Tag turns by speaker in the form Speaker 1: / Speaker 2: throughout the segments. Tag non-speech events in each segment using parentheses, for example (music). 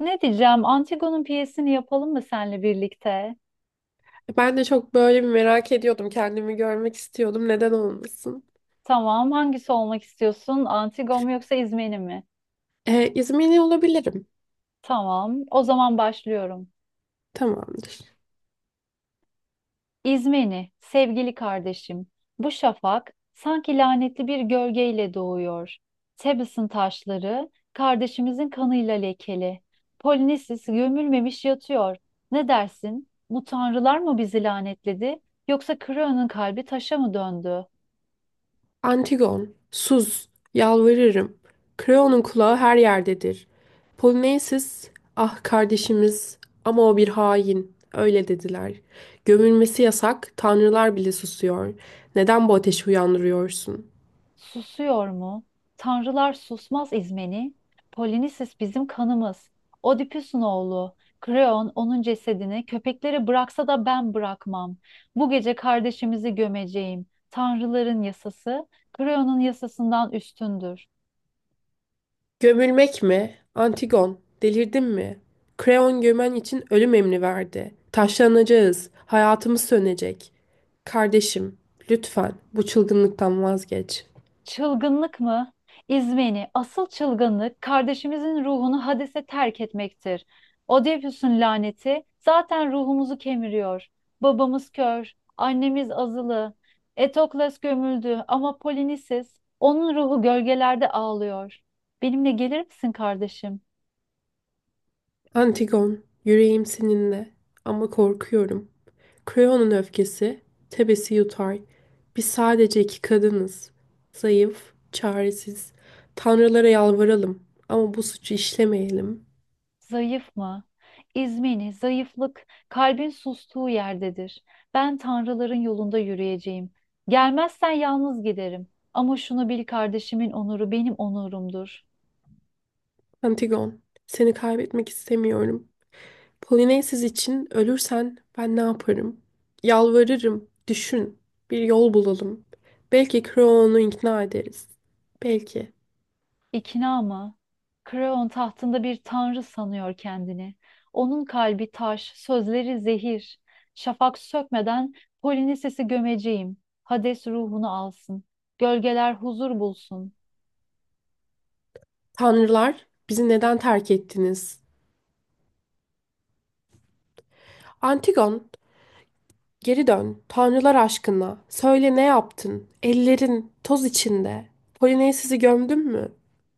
Speaker 1: Ne diyeceğim? Antigone'un piyesini yapalım mı seninle birlikte?
Speaker 2: Ben de çok böyle bir merak ediyordum. Kendimi görmek istiyordum. Neden olmasın?
Speaker 1: Tamam. Hangisi olmak istiyorsun? Antigone mu yoksa İzmeni mi?
Speaker 2: İzmirli olabilirim.
Speaker 1: Tamam. O zaman başlıyorum.
Speaker 2: Tamamdır.
Speaker 1: İzmeni, sevgili kardeşim. Bu şafak sanki lanetli bir gölgeyle doğuyor. Tebes'in taşları kardeşimizin kanıyla lekeli. Polinisis gömülmemiş yatıyor. Ne dersin? Bu tanrılar mı bizi lanetledi? Yoksa Kreon'un kalbi taşa mı döndü?
Speaker 2: Antigon, Suz, yalvarırım. Kreon'un kulağı her yerdedir. Polonezis, ah kardeşimiz ama o bir hain. Öyle dediler. Gömülmesi yasak, tanrılar bile susuyor. Neden bu ateşi uyandırıyorsun?
Speaker 1: Susuyor mu? Tanrılar susmaz İzmeni. Polinisis bizim kanımız. Oedipus'un oğlu. Kreon onun cesedini köpeklere bıraksa da ben bırakmam. Bu gece kardeşimizi gömeceğim. Tanrıların yasası Kreon'un yasasından üstündür.
Speaker 2: Gömülmek mi? Antigon, delirdin mi? Kreon gömen için ölüm emri verdi. Taşlanacağız, hayatımız sönecek. Kardeşim, lütfen bu çılgınlıktan vazgeç.
Speaker 1: Çılgınlık mı? İzmeni, asıl çılgınlık kardeşimizin ruhunu hadise terk etmektir. Oedipus'un laneti zaten ruhumuzu kemiriyor. Babamız kör, annemiz azılı. Etokles gömüldü ama Polinisis, onun ruhu gölgelerde ağlıyor. Benimle gelir misin kardeşim?
Speaker 2: Antigon, yüreğim seninle ama korkuyorum. Kreon'un öfkesi, Tebes'i yutar. Biz sadece iki kadınız. Zayıf, çaresiz. Tanrılara yalvaralım ama bu suçu işlemeyelim.
Speaker 1: Zayıf mı? İzmini, zayıflık, kalbin sustuğu yerdedir. Ben tanrıların yolunda yürüyeceğim. Gelmezsen yalnız giderim. Ama şunu bil kardeşimin onuru benim onurumdur.
Speaker 2: Antigon, seni kaybetmek istemiyorum. Polonezsiz için ölürsen ben ne yaparım? Yalvarırım, düşün. Bir yol bulalım. Belki Kreon'u ikna ederiz. Belki.
Speaker 1: İkna mı? Kreon tahtında bir tanrı sanıyor kendini. Onun kalbi taş, sözleri zehir. Şafak sökmeden Polinises'i gömeceğim. Hades ruhunu alsın. Gölgeler huzur bulsun.
Speaker 2: Tanrılar, bizi neden terk ettiniz? Antigon, geri dön. Tanrılar aşkına. Söyle ne yaptın? Ellerin toz içinde. Polonezsiz'i gömdün mü?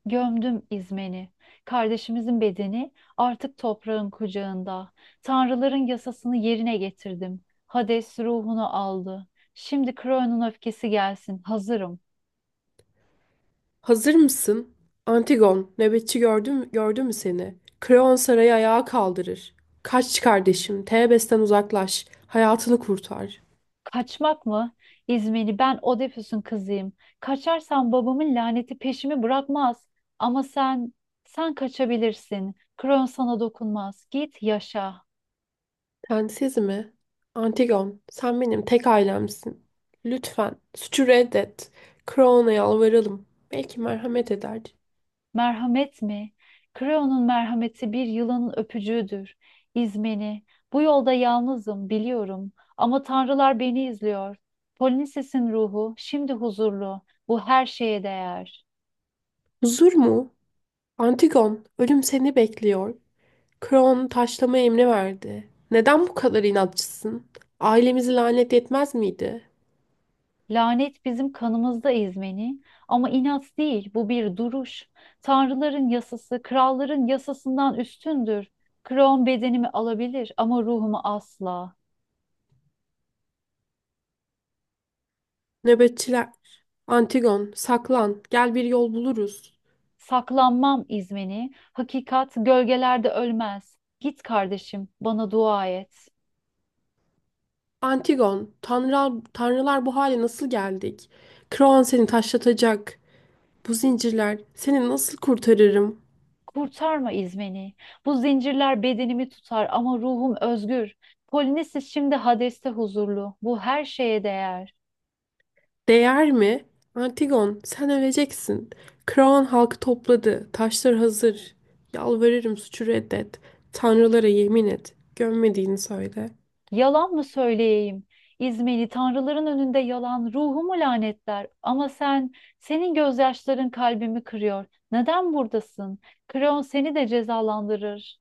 Speaker 1: Gömdüm İzmen'i, kardeşimizin bedeni artık toprağın kucağında. Tanrıların yasasını yerine getirdim. Hades ruhunu aldı. Şimdi Kronos öfkesi gelsin, hazırım.
Speaker 2: Hazır mısın? Antigon, nöbetçi gördü mü seni? Kreon sarayı ayağa kaldırır. Kaç kardeşim, Tebes'ten uzaklaş, hayatını kurtar.
Speaker 1: Kaçmak mı? İzmen'i ben Odysseus'un kızıyım. Kaçarsam babamın laneti peşimi bırakmaz. Ama sen, sen kaçabilirsin. Kronos sana dokunmaz. Git yaşa.
Speaker 2: Sen siz mi? Antigon, sen benim tek ailemsin. Lütfen suçu reddet. Kroon'a yalvaralım. Belki merhamet eder.
Speaker 1: Merhamet mi? Creon'un merhameti bir yılanın öpücüğüdür. İzmeni. Bu yolda yalnızım, biliyorum. Ama tanrılar beni izliyor. Polinises'in ruhu şimdi huzurlu. Bu her şeye değer.
Speaker 2: Huzur mu? Antigon, ölüm seni bekliyor. Kroon taşlama emri verdi. Neden bu kadar inatçısın? Ailemizi lanet etmez miydi?
Speaker 1: Lanet bizim kanımızda İzmeni. Ama inat değil, bu bir duruş. Tanrıların yasası, kralların yasasından üstündür. Creon bedenimi alabilir ama ruhumu asla.
Speaker 2: Nöbetçiler. Antigon, saklan. Gel bir yol buluruz.
Speaker 1: Saklanmam İzmeni, hakikat gölgelerde ölmez. Git kardeşim, bana dua et.
Speaker 2: Antigon, tanrılar bu hale nasıl geldik? Kroon seni taşlatacak. Bu zincirler seni nasıl kurtarırım?
Speaker 1: Kurtarma İzmeni. Bu zincirler bedenimi tutar ama ruhum özgür. Polonezis şimdi Hades'te huzurlu. Bu her şeye değer.
Speaker 2: Değer mi? Antigon, sen öleceksin. Kraon halkı topladı. Taşlar hazır. Yalvarırım suçu reddet. Tanrılara yemin et. Gömmediğini söyle.
Speaker 1: Yalan mı söyleyeyim? İzmeni tanrıların önünde yalan ruhumu lanetler. Ama sen, senin gözyaşların kalbimi kırıyor. Neden buradasın? Kreon seni de cezalandırır.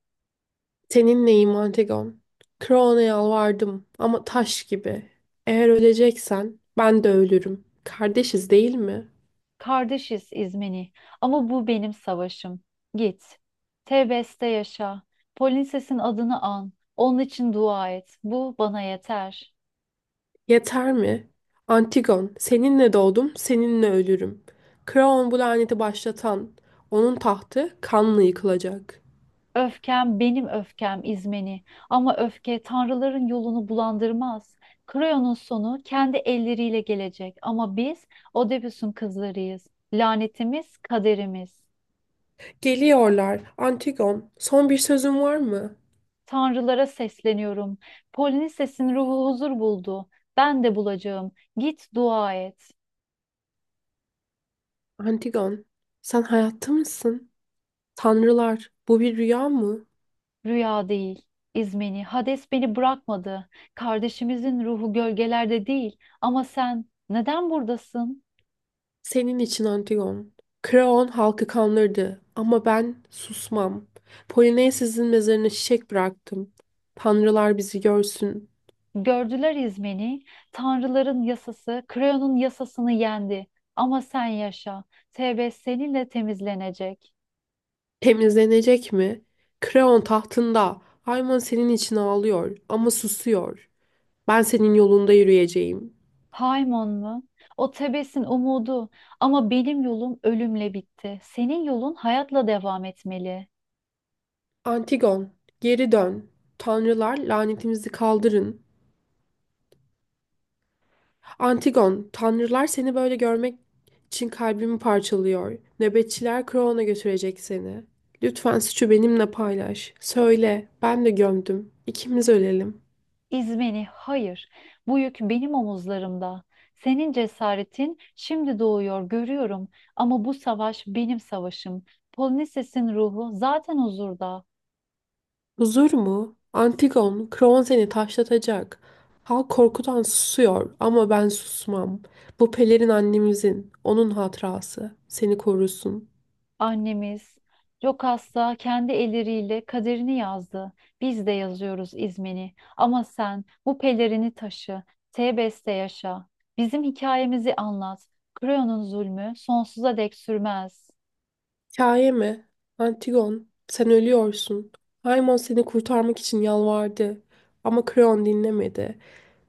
Speaker 2: Seninleyim Antigon. Kraon'a yalvardım ama taş gibi. Eğer öleceksen ben de ölürüm. Kardeşiz değil mi?
Speaker 1: Kardeşiz İzmeni ama bu benim savaşım. Git. Tebeste yaşa. Polinses'in adını an. Onun için dua et. Bu bana yeter.
Speaker 2: Yeter mi? Antigon, seninle doğdum, seninle ölürüm. Kraon bu laneti başlatan, onun tahtı kanla yıkılacak.
Speaker 1: Öfkem benim öfkem İzmeni. Ama öfke tanrıların yolunu bulandırmaz. Kreon'un sonu kendi elleriyle gelecek. Ama biz Oedipus'un kızlarıyız. Lanetimiz kaderimiz.
Speaker 2: Geliyorlar, Antigon, son bir sözün var mı?
Speaker 1: Tanrılara sesleniyorum. Polinses'in ruhu huzur buldu. Ben de bulacağım. Git dua et.
Speaker 2: Antigon, sen hayatta mısın? Tanrılar, bu bir rüya mı?
Speaker 1: Rüya değil, İzmeni, Hades beni bırakmadı. Kardeşimizin ruhu gölgelerde değil. Ama sen neden buradasın?
Speaker 2: Senin için Antigon. Kraon halkı kanlardı ama ben susmam. Polonezes'in mezarına çiçek bıraktım. Tanrılar bizi görsün.
Speaker 1: Gördüler İzmeni, tanrıların yasası, Kreon'un yasasını yendi. Ama sen yaşa, Tebes seninle temizlenecek.
Speaker 2: Temizlenecek mi? Kreon tahtında. Ayman senin için ağlıyor ama susuyor. Ben senin yolunda yürüyeceğim.
Speaker 1: Haymon mu? O Tebes'in umudu. Ama benim yolum ölümle bitti. Senin yolun hayatla devam etmeli.
Speaker 2: Antigon, geri dön. Tanrılar lanetimizi kaldırın. Antigon, tanrılar seni böyle görmek için kalbimi parçalıyor. Nöbetçiler Kreon'a götürecek seni. Lütfen suçu benimle paylaş. Söyle, ben de gömdüm. İkimiz ölelim.
Speaker 1: İzmeni, hayır. Bu yük benim omuzlarımda. Senin cesaretin şimdi doğuyor, görüyorum. Ama bu savaş benim savaşım. Polonisesin ruhu zaten huzurda.
Speaker 2: Huzur mu? Antigon, Kron seni taşlatacak. Halk korkudan susuyor ama ben susmam. Bu pelerin annemizin, onun hatırası. Seni korusun.
Speaker 1: Annemiz Jokas'ta kendi elleriyle kaderini yazdı. Biz de yazıyoruz İzmeni. Ama sen bu pelerini taşı. Tebes'te yaşa. Bizim hikayemizi anlat. Kreon'un zulmü sonsuza dek sürmez.
Speaker 2: Hikaye mi? Antigon, sen ölüyorsun. Haymon seni kurtarmak için yalvardı. Ama Kron dinlemedi.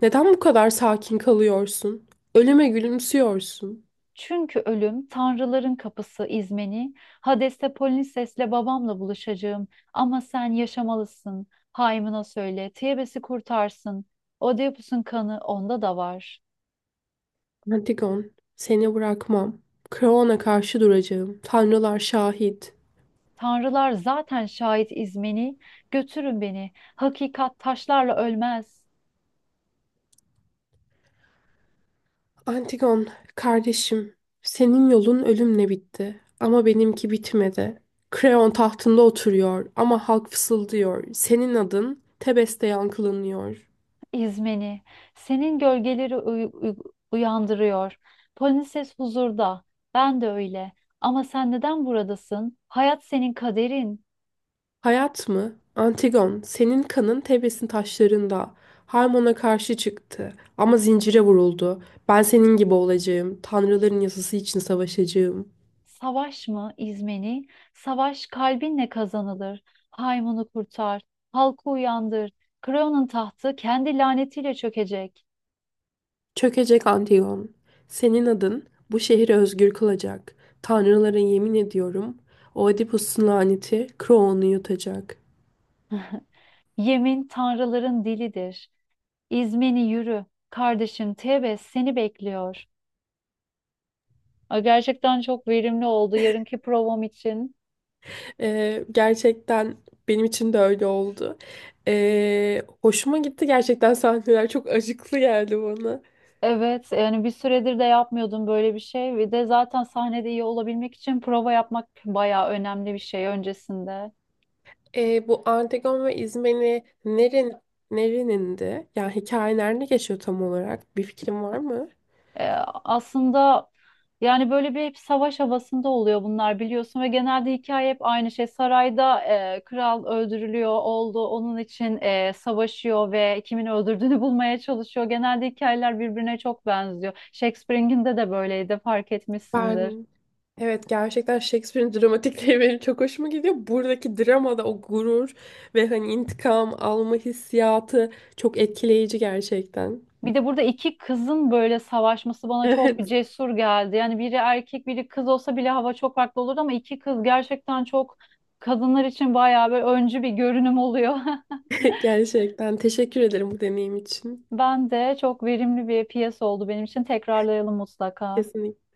Speaker 2: Neden bu kadar sakin kalıyorsun? Ölüme gülümsüyorsun.
Speaker 1: Çünkü ölüm tanrıların kapısı İzmeni. Hades'te Polinices'le babamla buluşacağım. Ama sen yaşamalısın. Haymına söyle. Tebes'i kurtarsın. Oedipus'un kanı onda da var.
Speaker 2: Antigon, seni bırakmam. Kron'a karşı duracağım. Tanrılar şahit.
Speaker 1: Tanrılar zaten şahit İzmeni. Götürün beni. Hakikat taşlarla ölmez.
Speaker 2: Antigon, kardeşim, senin yolun ölümle bitti ama benimki bitmedi. Kreon tahtında oturuyor ama halk fısıldıyor. Senin adın Tebes'te yankılanıyor.
Speaker 1: İzmeni. Senin gölgeleri uyandırıyor. Polinices huzurda. Ben de öyle. Ama sen neden buradasın? Hayat senin kaderin.
Speaker 2: Hayat mı? Antigon, senin kanın Tebes'in taşlarında. Harmon'a karşı çıktı ama zincire vuruldu. Ben senin gibi olacağım. Tanrıların yasası için savaşacağım.
Speaker 1: Savaş mı İzmeni? Savaş kalbinle kazanılır. Haymunu kurtar, halkı uyandır. Kreon'un tahtı kendi lanetiyle çökecek.
Speaker 2: Çökecek Antigone, senin adın bu şehri özgür kılacak. Tanrılara yemin ediyorum, Oedipus'un laneti Kroon'u yutacak.
Speaker 1: Yemin tanrıların dilidir. İzmeni yürü. Kardeşim Tebes seni bekliyor. Ay, gerçekten çok verimli oldu yarınki provam için.
Speaker 2: Gerçekten benim için de öyle oldu. Hoşuma gitti gerçekten, sahneler çok acıklı geldi bana.
Speaker 1: Evet, yani bir süredir de yapmıyordum böyle bir şey. Ve de zaten sahnede iyi olabilmek için prova yapmak bayağı önemli bir şey öncesinde.
Speaker 2: Bu Antigone ve İzmeni nerenindi? Yani hikaye nerede geçiyor tam olarak? Bir fikrin var mı?
Speaker 1: E, aslında yani böyle bir hep savaş havasında oluyor bunlar biliyorsun ve genelde hikaye hep aynı şey. Sarayda kral öldürülüyor oldu onun için savaşıyor ve kimin öldürdüğünü (laughs) bulmaya çalışıyor. Genelde hikayeler birbirine çok benziyor. Shakespeare'in de böyleydi fark etmişsindir.
Speaker 2: Ben evet, gerçekten Shakespeare'in dramatikleri benim çok hoşuma gidiyor. Buradaki dramada o gurur ve hani intikam alma hissiyatı çok etkileyici gerçekten.
Speaker 1: Bir de burada iki kızın böyle savaşması bana çok
Speaker 2: Evet,
Speaker 1: cesur geldi. Yani biri erkek biri kız olsa bile hava çok farklı olurdu ama iki kız gerçekten çok kadınlar için bayağı böyle öncü bir görünüm oluyor. (laughs)
Speaker 2: (laughs) gerçekten teşekkür ederim bu deneyim için.
Speaker 1: Ben de çok verimli bir piyasa oldu benim için. Tekrarlayalım mutlaka.
Speaker 2: Kesinlikle.